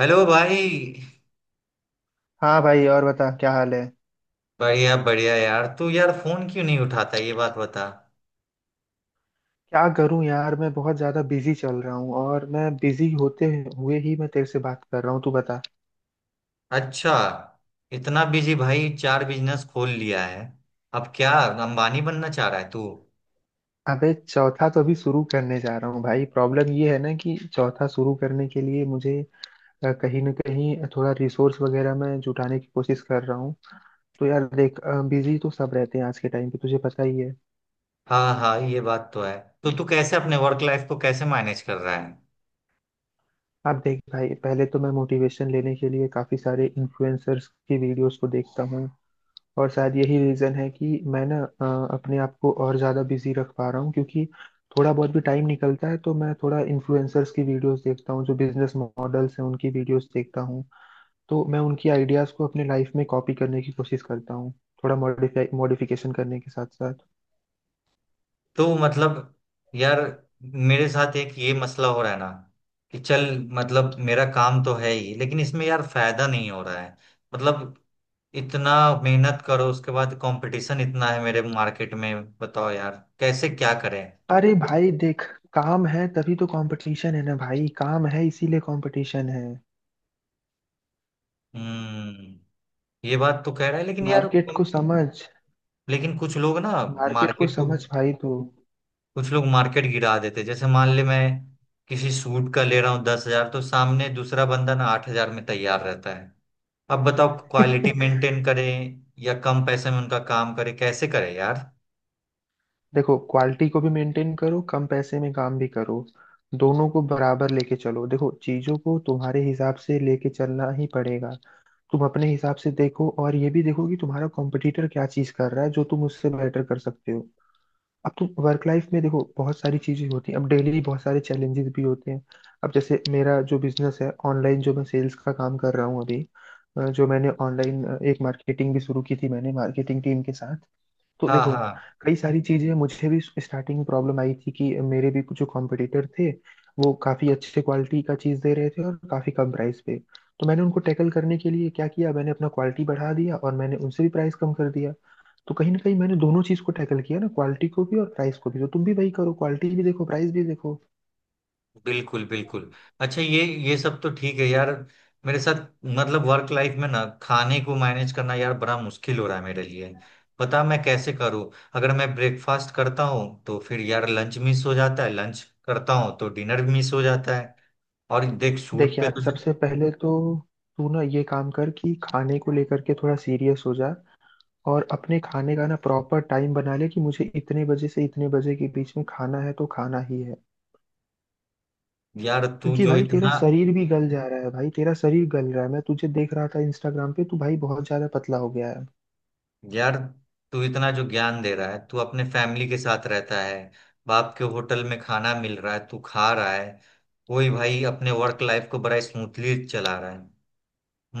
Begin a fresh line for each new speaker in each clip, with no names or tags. Hello भाई।
हाँ भाई, और बता क्या हाल है।
बढ़िया बढ़िया यार। तू यार फोन क्यों नहीं उठाता ये बात बता।
क्या करूं यार, मैं बहुत ज्यादा बिजी चल रहा हूँ और मैं बिजी होते हुए ही मैं तेरे से बात कर रहा हूँ। तू बता।
अच्छा। इतना बिजी भाई, चार बिजनेस खोल लिया है। अब क्या अंबानी बनना चाह रहा है तू?
अबे चौथा तो अभी शुरू करने जा रहा हूँ भाई। प्रॉब्लम ये है ना कि चौथा शुरू करने के लिए मुझे कहीं ना कहीं थोड़ा रिसोर्स वगैरह मैं जुटाने की कोशिश कर रहा हूँ। तो यार देख, बिजी तो सब रहते हैं आज के टाइम पे, तुझे पता ही है।
हाँ हाँ, ये बात तो है। तो तू कैसे अपने वर्क लाइफ को कैसे मैनेज कर रहा है?
अब देख भाई, पहले तो मैं मोटिवेशन लेने के लिए काफी सारे इन्फ्लुएंसर्स की वीडियोस को देखता हूँ। और शायद यही रीज़न है कि मैं ना अपने आप को और ज़्यादा बिजी रख पा रहा हूँ, क्योंकि थोड़ा बहुत भी टाइम निकलता है तो मैं थोड़ा इन्फ्लुएंसर्स की वीडियोस देखता हूँ, जो बिजनेस मॉडल्स हैं उनकी वीडियोस देखता हूँ। तो मैं उनकी आइडियाज़ को अपने लाइफ में कॉपी करने की कोशिश करता हूँ, थोड़ा मॉडिफाई मॉडिफिकेशन करने के साथ साथ।
तो मतलब यार, मेरे साथ एक ये मसला हो रहा है ना कि चल, मतलब मेरा काम तो है ही लेकिन इसमें यार फायदा नहीं हो रहा है। मतलब इतना मेहनत करो, उसके बाद कंपटीशन इतना है मेरे मार्केट में। बताओ यार कैसे क्या करें।
अरे भाई देख, काम है तभी तो कंपटीशन है ना भाई, काम है इसीलिए कंपटीशन है।
हम्म। ये बात तो कह रहा है लेकिन यार,
मार्केट को समझ।
लेकिन कुछ लोग ना,
मार्केट को
मार्केट को,
समझ भाई तू।
कुछ लोग मार्केट गिरा देते। जैसे मान ले मैं किसी सूट का ले रहा हूँ 10,000, तो सामने दूसरा बंदा ना 8,000 में तैयार रहता है। अब बताओ क्वालिटी मेंटेन करें या कम पैसे में उनका काम करें, कैसे करें यार?
देखो, क्वालिटी को भी मेंटेन करो, कम पैसे में काम भी करो। दोनों को बराबर लेके चलो। देखो, चीजों को तुम्हारे हिसाब से लेके चलना ही पड़ेगा। तुम अपने हिसाब से देखो, और ये भी देखो कि तुम्हारा कॉम्पिटिटर क्या चीज कर रहा है, जो तुम उससे बेटर कर सकते हो। अब तुम वर्क लाइफ में देखो, बहुत सारी चीजें होती हैं, अब डेली बहुत सारे चैलेंजेस भी होते हैं। अब जैसे मेरा जो बिजनेस है, ऑनलाइन जो मैं सेल्स का काम कर रहा हूँ अभी, जो मैंने ऑनलाइन एक मार्केटिंग भी शुरू की थी, मैंने मार्केटिंग टीम के साथ। तो
हाँ
देखो,
हाँ।
कई सारी चीजें मुझे भी स्टार्टिंग में प्रॉब्लम आई थी कि मेरे भी कुछ जो कॉम्पिटिटर थे, वो काफी अच्छे क्वालिटी का चीज दे रहे थे और काफी कम प्राइस पे। तो मैंने उनको टैकल करने के लिए क्या किया, मैंने अपना क्वालिटी बढ़ा दिया और मैंने उनसे भी प्राइस कम कर दिया। तो कहीं ना कहीं मैंने दोनों चीज को टैकल किया ना, क्वालिटी को भी और प्राइस को भी। तो तुम भी वही करो, क्वालिटी भी देखो, प्राइस भी देखो।
बिल्कुल बिल्कुल। अच्छा, ये सब तो ठीक है यार। मेरे साथ मतलब वर्क लाइफ में ना खाने को मैनेज करना यार बड़ा मुश्किल हो रहा है मेरे लिए। पता मैं कैसे करूं। अगर मैं ब्रेकफास्ट करता हूँ तो फिर यार लंच मिस हो जाता है, लंच करता हूँ तो डिनर भी मिस हो जाता है। और देख शूट
देख
पे
यार,
तो
सबसे पहले तो तू ना ये काम कर कि खाने को लेकर के थोड़ा सीरियस हो जा। और अपने खाने का ना प्रॉपर टाइम बना ले कि मुझे इतने बजे से इतने बजे के बीच में खाना है तो खाना ही है।
यार तू
क्योंकि
जो
भाई, तेरा
इतना
शरीर भी गल जा रहा है भाई, तेरा शरीर गल रहा है। मैं तुझे देख रहा था इंस्टाग्राम पे, तू भाई बहुत ज्यादा पतला हो गया है।
यार तू इतना जो ज्ञान दे रहा है, तू अपने फैमिली के साथ रहता है। बाप के होटल में खाना मिल रहा है तू खा रहा है। कोई भाई अपने वर्क लाइफ को बड़ा स्मूथली चला रहा है।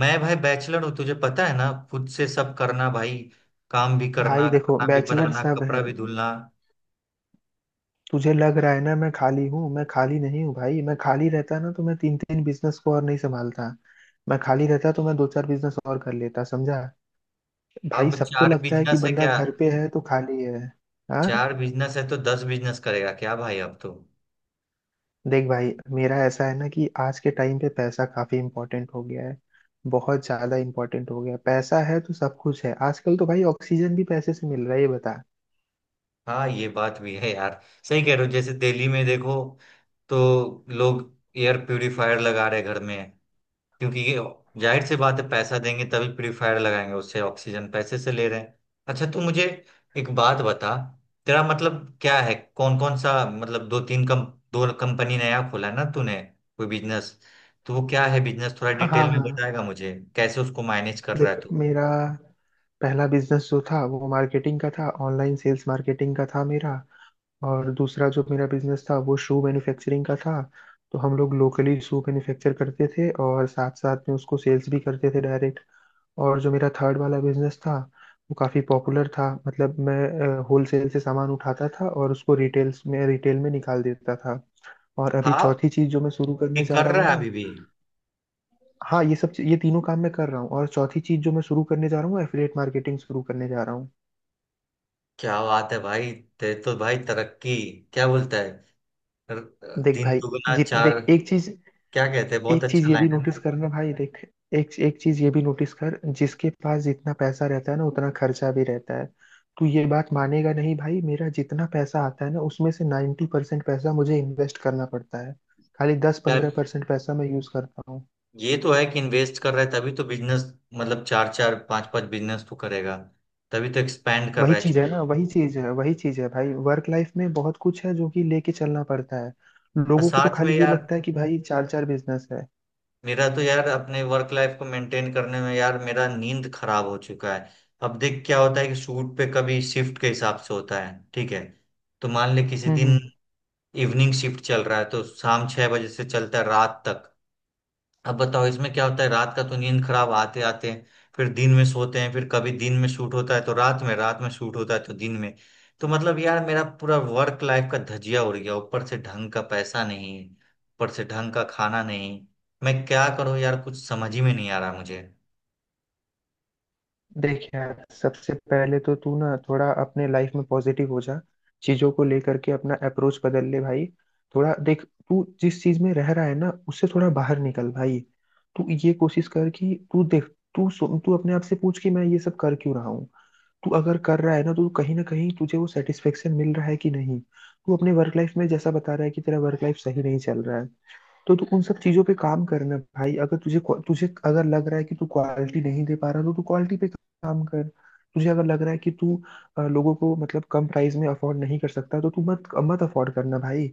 मैं भाई बैचलर हूँ, तुझे पता है ना, खुद से सब करना भाई। काम भी
भाई
करना,
देखो,
खाना भी
बैचलर
बनाना,
सब
कपड़ा
है।
भी धुलना।
तुझे लग रहा है ना मैं खाली हूँ? मैं खाली नहीं हूँ भाई। मैं खाली रहता ना तो मैं तीन तीन बिजनेस को और नहीं संभालता। मैं खाली रहता तो मैं दो चार बिजनेस और कर लेता, समझा। भाई
अब
सबको
चार
लगता है कि
बिजनेस है
बंदा
क्या?
घर पे है तो खाली है। हाँ।
चार बिजनेस है तो दस बिजनेस करेगा क्या भाई अब तो?
देख भाई, मेरा ऐसा है ना कि आज के टाइम पे पैसा काफी इंपॉर्टेंट हो गया है, बहुत ज्यादा इंपॉर्टेंट हो गया है। पैसा है तो सब कुछ है, आजकल तो भाई ऑक्सीजन भी पैसे से मिल रहा है, ये बता।
हाँ ये बात भी है यार। सही कह रहे हो। जैसे दिल्ली में देखो तो लोग एयर प्यूरिफायर लगा रहे घर में, क्योंकि ये जाहिर सी बात है, पैसा देंगे तभी प्यूरिफायर लगाएंगे, उससे ऑक्सीजन पैसे से ले रहे हैं। अच्छा तू मुझे एक बात बता, तेरा मतलब क्या है, कौन कौन सा, मतलब दो तीन कम, दो कंपनी नया खोला ना तूने कोई बिजनेस, तो वो क्या है बिजनेस, थोड़ा
हाँ
डिटेल
हाँ।
में बताएगा मुझे कैसे उसको मैनेज कर रहा
देख,
है तू?
मेरा पहला बिजनेस जो था वो मार्केटिंग का था, ऑनलाइन सेल्स मार्केटिंग का था मेरा। और दूसरा जो मेरा बिजनेस था वो शू मैन्युफैक्चरिंग का था। तो हम लोग लोकली शू मैन्युफैक्चर करते थे और साथ साथ में उसको सेल्स भी करते थे डायरेक्ट। और जो मेरा थर्ड वाला बिजनेस था, वो काफ़ी पॉपुलर था, मतलब मैं होलसेल से सामान उठाता था और उसको रिटेल में निकाल देता था। और अभी
हाँ
चौथी चीज़ जो मैं शुरू
ये
करने जा
कर
रहा हूँ
रहा है
ना।
अभी भी?
हाँ, ये सब ये तीनों काम मैं कर रहा हूँ, और चौथी चीज़ जो मैं शुरू करने जा रहा हूँ, एफिलिएट मार्केटिंग शुरू करने जा रहा हूँ।
क्या बात है भाई। ते तो भाई तरक्की, क्या बोलता है,
देख
दिन
भाई,
दुगना
जित
चार,
देख एक चीज,
क्या कहते हैं, बहुत
एक चीज
अच्छा
ये
लाइन
भी
है ना?
नोटिस करना भाई, देख, एक एक चीज ये भी नोटिस कर, जिसके पास जितना पैसा रहता है ना उतना खर्चा भी रहता है। तू ये बात मानेगा नहीं भाई, मेरा जितना पैसा आता है ना उसमें से 90% पैसा मुझे इन्वेस्ट करना पड़ता है। खाली दस
यार।
पंद्रह परसेंट पैसा मैं यूज करता हूँ।
ये तो है कि इन्वेस्ट कर रहा है तभी तो बिजनेस, मतलब चार चार पांच पांच बिजनेस तो करेगा, तभी तो एक्सपैंड कर
वही
रहा है
चीज है
चीजों
ना,
को।
वही चीज है, वही चीज है भाई। वर्क लाइफ में बहुत कुछ है जो कि लेके चलना पड़ता है,
और
लोगों को तो
साथ में
खाली ये
यार,
लगता है कि भाई चार चार बिजनेस है।
मेरा तो यार अपने वर्क लाइफ को मेंटेन करने में यार मेरा नींद खराब हो चुका है। अब देख क्या होता है कि शूट पे कभी शिफ्ट के हिसाब से होता है, ठीक है? तो मान ले किसी दिन
हम्म।
इवनिंग शिफ्ट चल रहा है तो शाम 6 बजे से चलता है रात तक। अब बताओ इसमें क्या होता है, रात का तो नींद खराब आते आते, फिर दिन में सोते हैं, फिर कभी दिन में शूट होता है तो रात में, रात में शूट होता है तो दिन में। तो मतलब यार मेरा पूरा वर्क लाइफ का धजिया उड़ गया, ऊपर से ढंग का पैसा नहीं, ऊपर से ढंग का खाना नहीं। मैं क्या करूं यार, कुछ समझ ही में नहीं आ रहा मुझे।
देख यार, सबसे पहले तो तू ना थोड़ा अपने लाइफ में पॉजिटिव हो जा। चीजों को लेकर के अपना अप्रोच बदल ले भाई। थोड़ा देख, तू जिस चीज में रह रहा है ना उससे थोड़ा बाहर निकल भाई। तू ये कोशिश कर कि तू देख, तू अपने आप से पूछ कि मैं ये सब कर क्यों रहा हूँ। तू अगर कर रहा है ना तो कहीं ना कहीं तुझे वो सेटिस्फेक्शन मिल रहा है कि नहीं। तू अपने वर्क लाइफ में जैसा बता रहा है कि तेरा वर्क लाइफ सही नहीं चल रहा है, तो तू उन सब चीजों पे काम करना भाई। अगर तुझे, तुझे अगर लग रहा है कि तू क्वालिटी नहीं दे पा रहा, तो तू क्वालिटी पे काम कर। तुझे अगर लग रहा है कि तू लोगों को, मतलब कम प्राइस में अफोर्ड नहीं कर सकता, तो तू मत मत अफोर्ड करना भाई।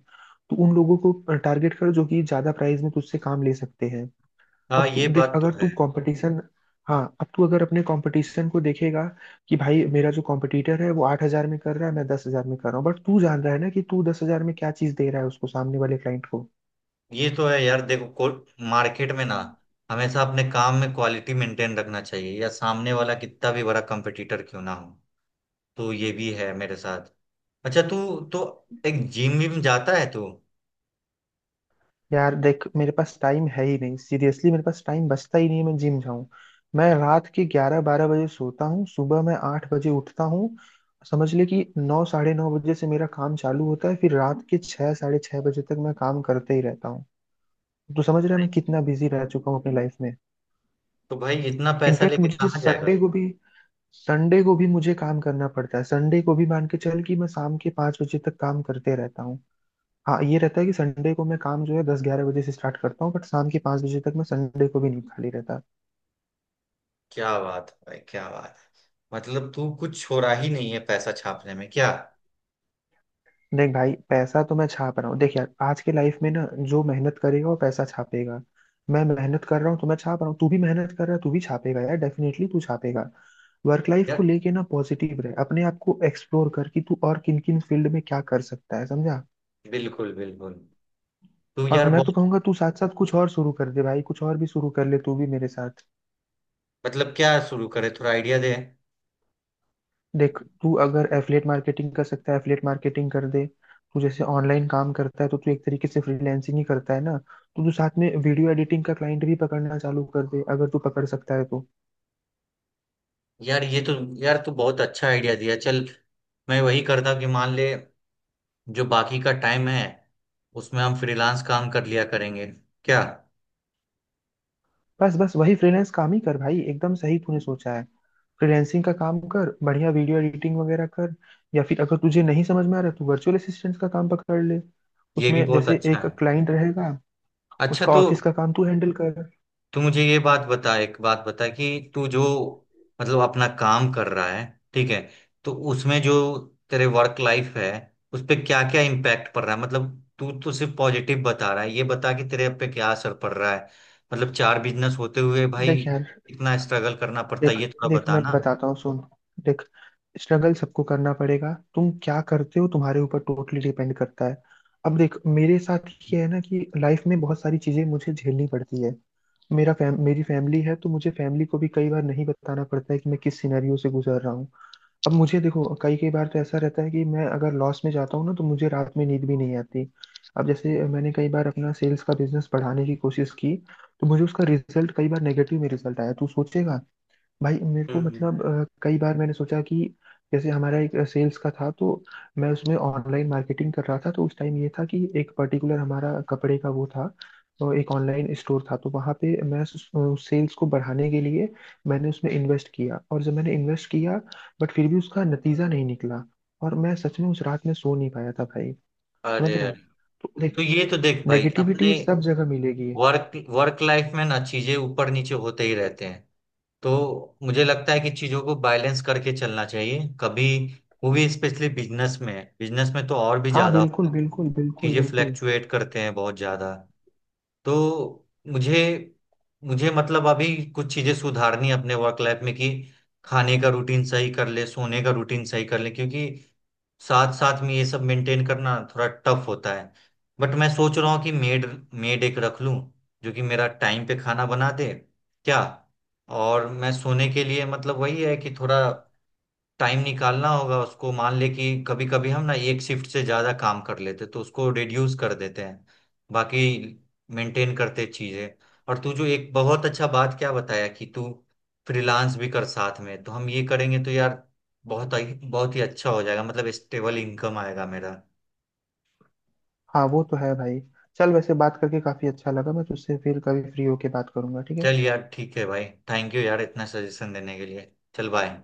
तू उन लोगों को टारगेट कर जो कि ज्यादा प्राइस में तुझसे काम ले सकते हैं।
हाँ
अब तू
ये
देख,
बात तो
अगर
है।
तू कंपटीशन, हाँ, अब तू अगर अपने कंपटीशन को देखेगा कि भाई मेरा जो कंपटीटर है वो 8 हजार में कर रहा है, मैं 10 हजार में कर रहा हूँ, बट तू जान रहा है ना कि तू 10 हजार में क्या चीज दे रहा है उसको, सामने वाले क्लाइंट को।
ये तो है यार। देखो को मार्केट में ना हमेशा अपने काम में क्वालिटी मेंटेन रखना चाहिए, या सामने वाला कितना भी बड़ा कंपटीटर क्यों ना हो। तो ये भी है मेरे साथ। अच्छा तू तो एक जिम विम जाता है तू?
यार देख, मेरे पास टाइम है ही नहीं। सीरियसली मेरे पास टाइम बचता ही नहीं है मैं जिम जाऊं। मैं रात के 11-12 बजे सोता हूँ, सुबह मैं 8 बजे उठता हूँ। समझ ले कि 9-9:30 बजे से मेरा काम चालू होता है, फिर रात के 6-6:30 बजे तक मैं काम करते ही रहता हूँ। तो समझ रहा है मैं कितना बिजी रह चुका हूँ अपनी लाइफ में।
तो भाई इतना पैसा
इनफैक्ट
लेके
मुझे
कहाँ जाएगा?
संडे को भी, संडे को भी मुझे काम करना पड़ता है। संडे को भी मान के चल कि मैं शाम के 5 बजे तक काम करते रहता हूँ। हाँ, ये रहता है कि संडे को मैं काम जो है 10-11 बजे से स्टार्ट करता हूँ, बट शाम के 5 बजे तक मैं संडे को भी नहीं खाली रहता।
क्या बात है भाई, क्या बात है। मतलब तू कुछ छोड़ा ही नहीं है पैसा छापने में क्या?
देख भाई, पैसा तो मैं छाप रहा हूँ। देख यार, आज के लाइफ में ना जो मेहनत करेगा वो पैसा छापेगा। मैं मेहनत कर रहा हूँ तो मैं छाप रहा हूँ, तू भी मेहनत कर रहा है तू भी छापेगा यार, डेफिनेटली तू छापेगा। वर्क लाइफ को
यार
लेके ना पॉजिटिव रहे, अपने आप को एक्सप्लोर कर कि तू और किन किन फील्ड में क्या कर सकता है, समझा।
बिल्कुल बिल्कुल। तू
और
यार
मैं तो
बहुत।
कहूंगा तू साथ साथ कुछ और शुरू कर दे भाई, कुछ और भी शुरू कर ले तू भी मेरे साथ।
मतलब क्या शुरू करे, थोड़ा आइडिया दे?
देख, तू अगर एफिलिएट मार्केटिंग कर सकता है, एफिलिएट मार्केटिंग कर दे। तू जैसे ऑनलाइन काम करता है, तो तू एक तरीके से फ्रीलैंसिंग ही करता है ना, तो तू साथ में वीडियो एडिटिंग का क्लाइंट भी पकड़ना चालू कर दे, अगर तू पकड़ सकता है तो।
यार ये तो, यार तू बहुत अच्छा आइडिया दिया। चल मैं वही करता कि मान ले जो बाकी का टाइम है, उसमें हम फ्रीलांस काम कर लिया करेंगे, क्या?
बस बस वही फ्रीलांस काम ही कर भाई, एकदम सही तूने सोचा है। फ्रीलैंसिंग का काम कर, बढ़िया वीडियो एडिटिंग वगैरह कर। या फिर अगर तुझे नहीं समझ में आ रहा, तू वर्चुअल असिस्टेंट का काम पकड़ ले।
ये
उसमें
भी बहुत
जैसे
अच्छा
एक
है।
क्लाइंट रहेगा,
अच्छा
उसका
तो
ऑफिस का काम तू हैंडल कर।
तू मुझे ये बात बता, एक बात बता कि तू जो, मतलब अपना काम कर रहा है, ठीक है, तो उसमें जो तेरे वर्क लाइफ है उस पे क्या क्या इम्पैक्ट पड़ रहा है, मतलब तू तो सिर्फ पॉजिटिव बता रहा है, ये बता कि तेरे पे क्या असर पड़ रहा है, मतलब चार बिजनेस होते हुए भाई
देख यार,
इतना स्ट्रगल करना पड़ता है
देख,
ये थोड़ा
देख, मैं
बताना।
बताता हूँ सुन। देख, स्ट्रगल सबको करना पड़ेगा, तुम क्या करते हो तुम्हारे ऊपर टोटली डिपेंड करता है। अब देख मेरे साथ, ये है ना कि लाइफ में बहुत सारी चीजें मुझे झेलनी पड़ती है। मेरा फैम मेरी फैमिली है, तो मुझे फैमिली को भी कई बार नहीं बताना पड़ता है कि मैं किस सिनेरियो से गुजर रहा हूँ। अब मुझे देखो, कई कई बार तो ऐसा रहता है कि मैं अगर लॉस में जाता हूँ ना, तो मुझे रात में नींद भी नहीं आती। अब जैसे मैंने कई बार अपना सेल्स का बिजनेस बढ़ाने की कोशिश की, तो मुझे उसका रिजल्ट, कई बार नेगेटिव में रिजल्ट आया। तू सोचेगा, भाई मेरे को,
हम्म।
मतलब कई बार मैंने सोचा कि, जैसे हमारा एक सेल्स का था, तो मैं उसमें ऑनलाइन मार्केटिंग कर रहा था, तो उस टाइम ये था कि एक पर्टिकुलर हमारा कपड़े का वो था, तो एक ऑनलाइन स्टोर था, तो वहाँ पे मैं सेल्स को बढ़ाने के लिए, मैंने उसमें इन्वेस्ट किया, और जब मैंने इन्वेस्ट किया, बट फिर भी उसका नतीजा नहीं निकला, और मैं सच में उस रात में सो नहीं पाया था भाई। समझ
अरे
रहा
अरे।
है? तो
तो
देख,
ये तो देख भाई, अपने
नेगेटिविटी सब जगह मिलेगी।
वर्क वर्क लाइफ में ना चीजें ऊपर नीचे होते ही रहते हैं। तो मुझे लगता है कि चीजों को बैलेंस करके चलना चाहिए, कभी वो भी स्पेशली बिजनेस में, बिजनेस में तो और भी
हाँ,
ज्यादा
बिल्कुल बिल्कुल बिल्कुल
चीजें
बिल्कुल।
फ्लैक्चुएट करते हैं बहुत ज्यादा। तो मुझे मुझे मतलब अभी कुछ चीजें सुधारनी है अपने वर्क लाइफ में, कि खाने का रूटीन सही कर ले, सोने का रूटीन सही कर ले, क्योंकि साथ साथ में ये सब मेंटेन करना थोड़ा टफ होता है। बट मैं सोच रहा हूँ कि मेड मेड एक रख लूँ जो कि मेरा टाइम पे खाना बना दे, क्या? और मैं सोने के लिए मतलब वही है कि थोड़ा टाइम निकालना होगा उसको, मान ले कि कभी कभी हम ना एक शिफ्ट से ज्यादा काम कर लेते तो उसको रिड्यूस कर देते हैं। बाकी मेंटेन करते चीजें। और तू जो एक बहुत अच्छा बात क्या बताया कि तू फ्रीलांस भी कर साथ में, तो हम ये करेंगे तो यार बहुत, बहुत ही अच्छा हो जाएगा, मतलब स्टेबल इनकम आएगा मेरा।
हाँ, वो तो है भाई। चल, वैसे बात करके काफी अच्छा लगा, मैं तुझसे फिर कभी फ्री होके बात करूंगा, ठीक है।
चल यार ठीक है भाई। थैंक यू यार इतना सजेशन देने के लिए, चल बाय।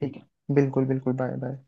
ठीक है, बिल्कुल बिल्कुल। Bye bye.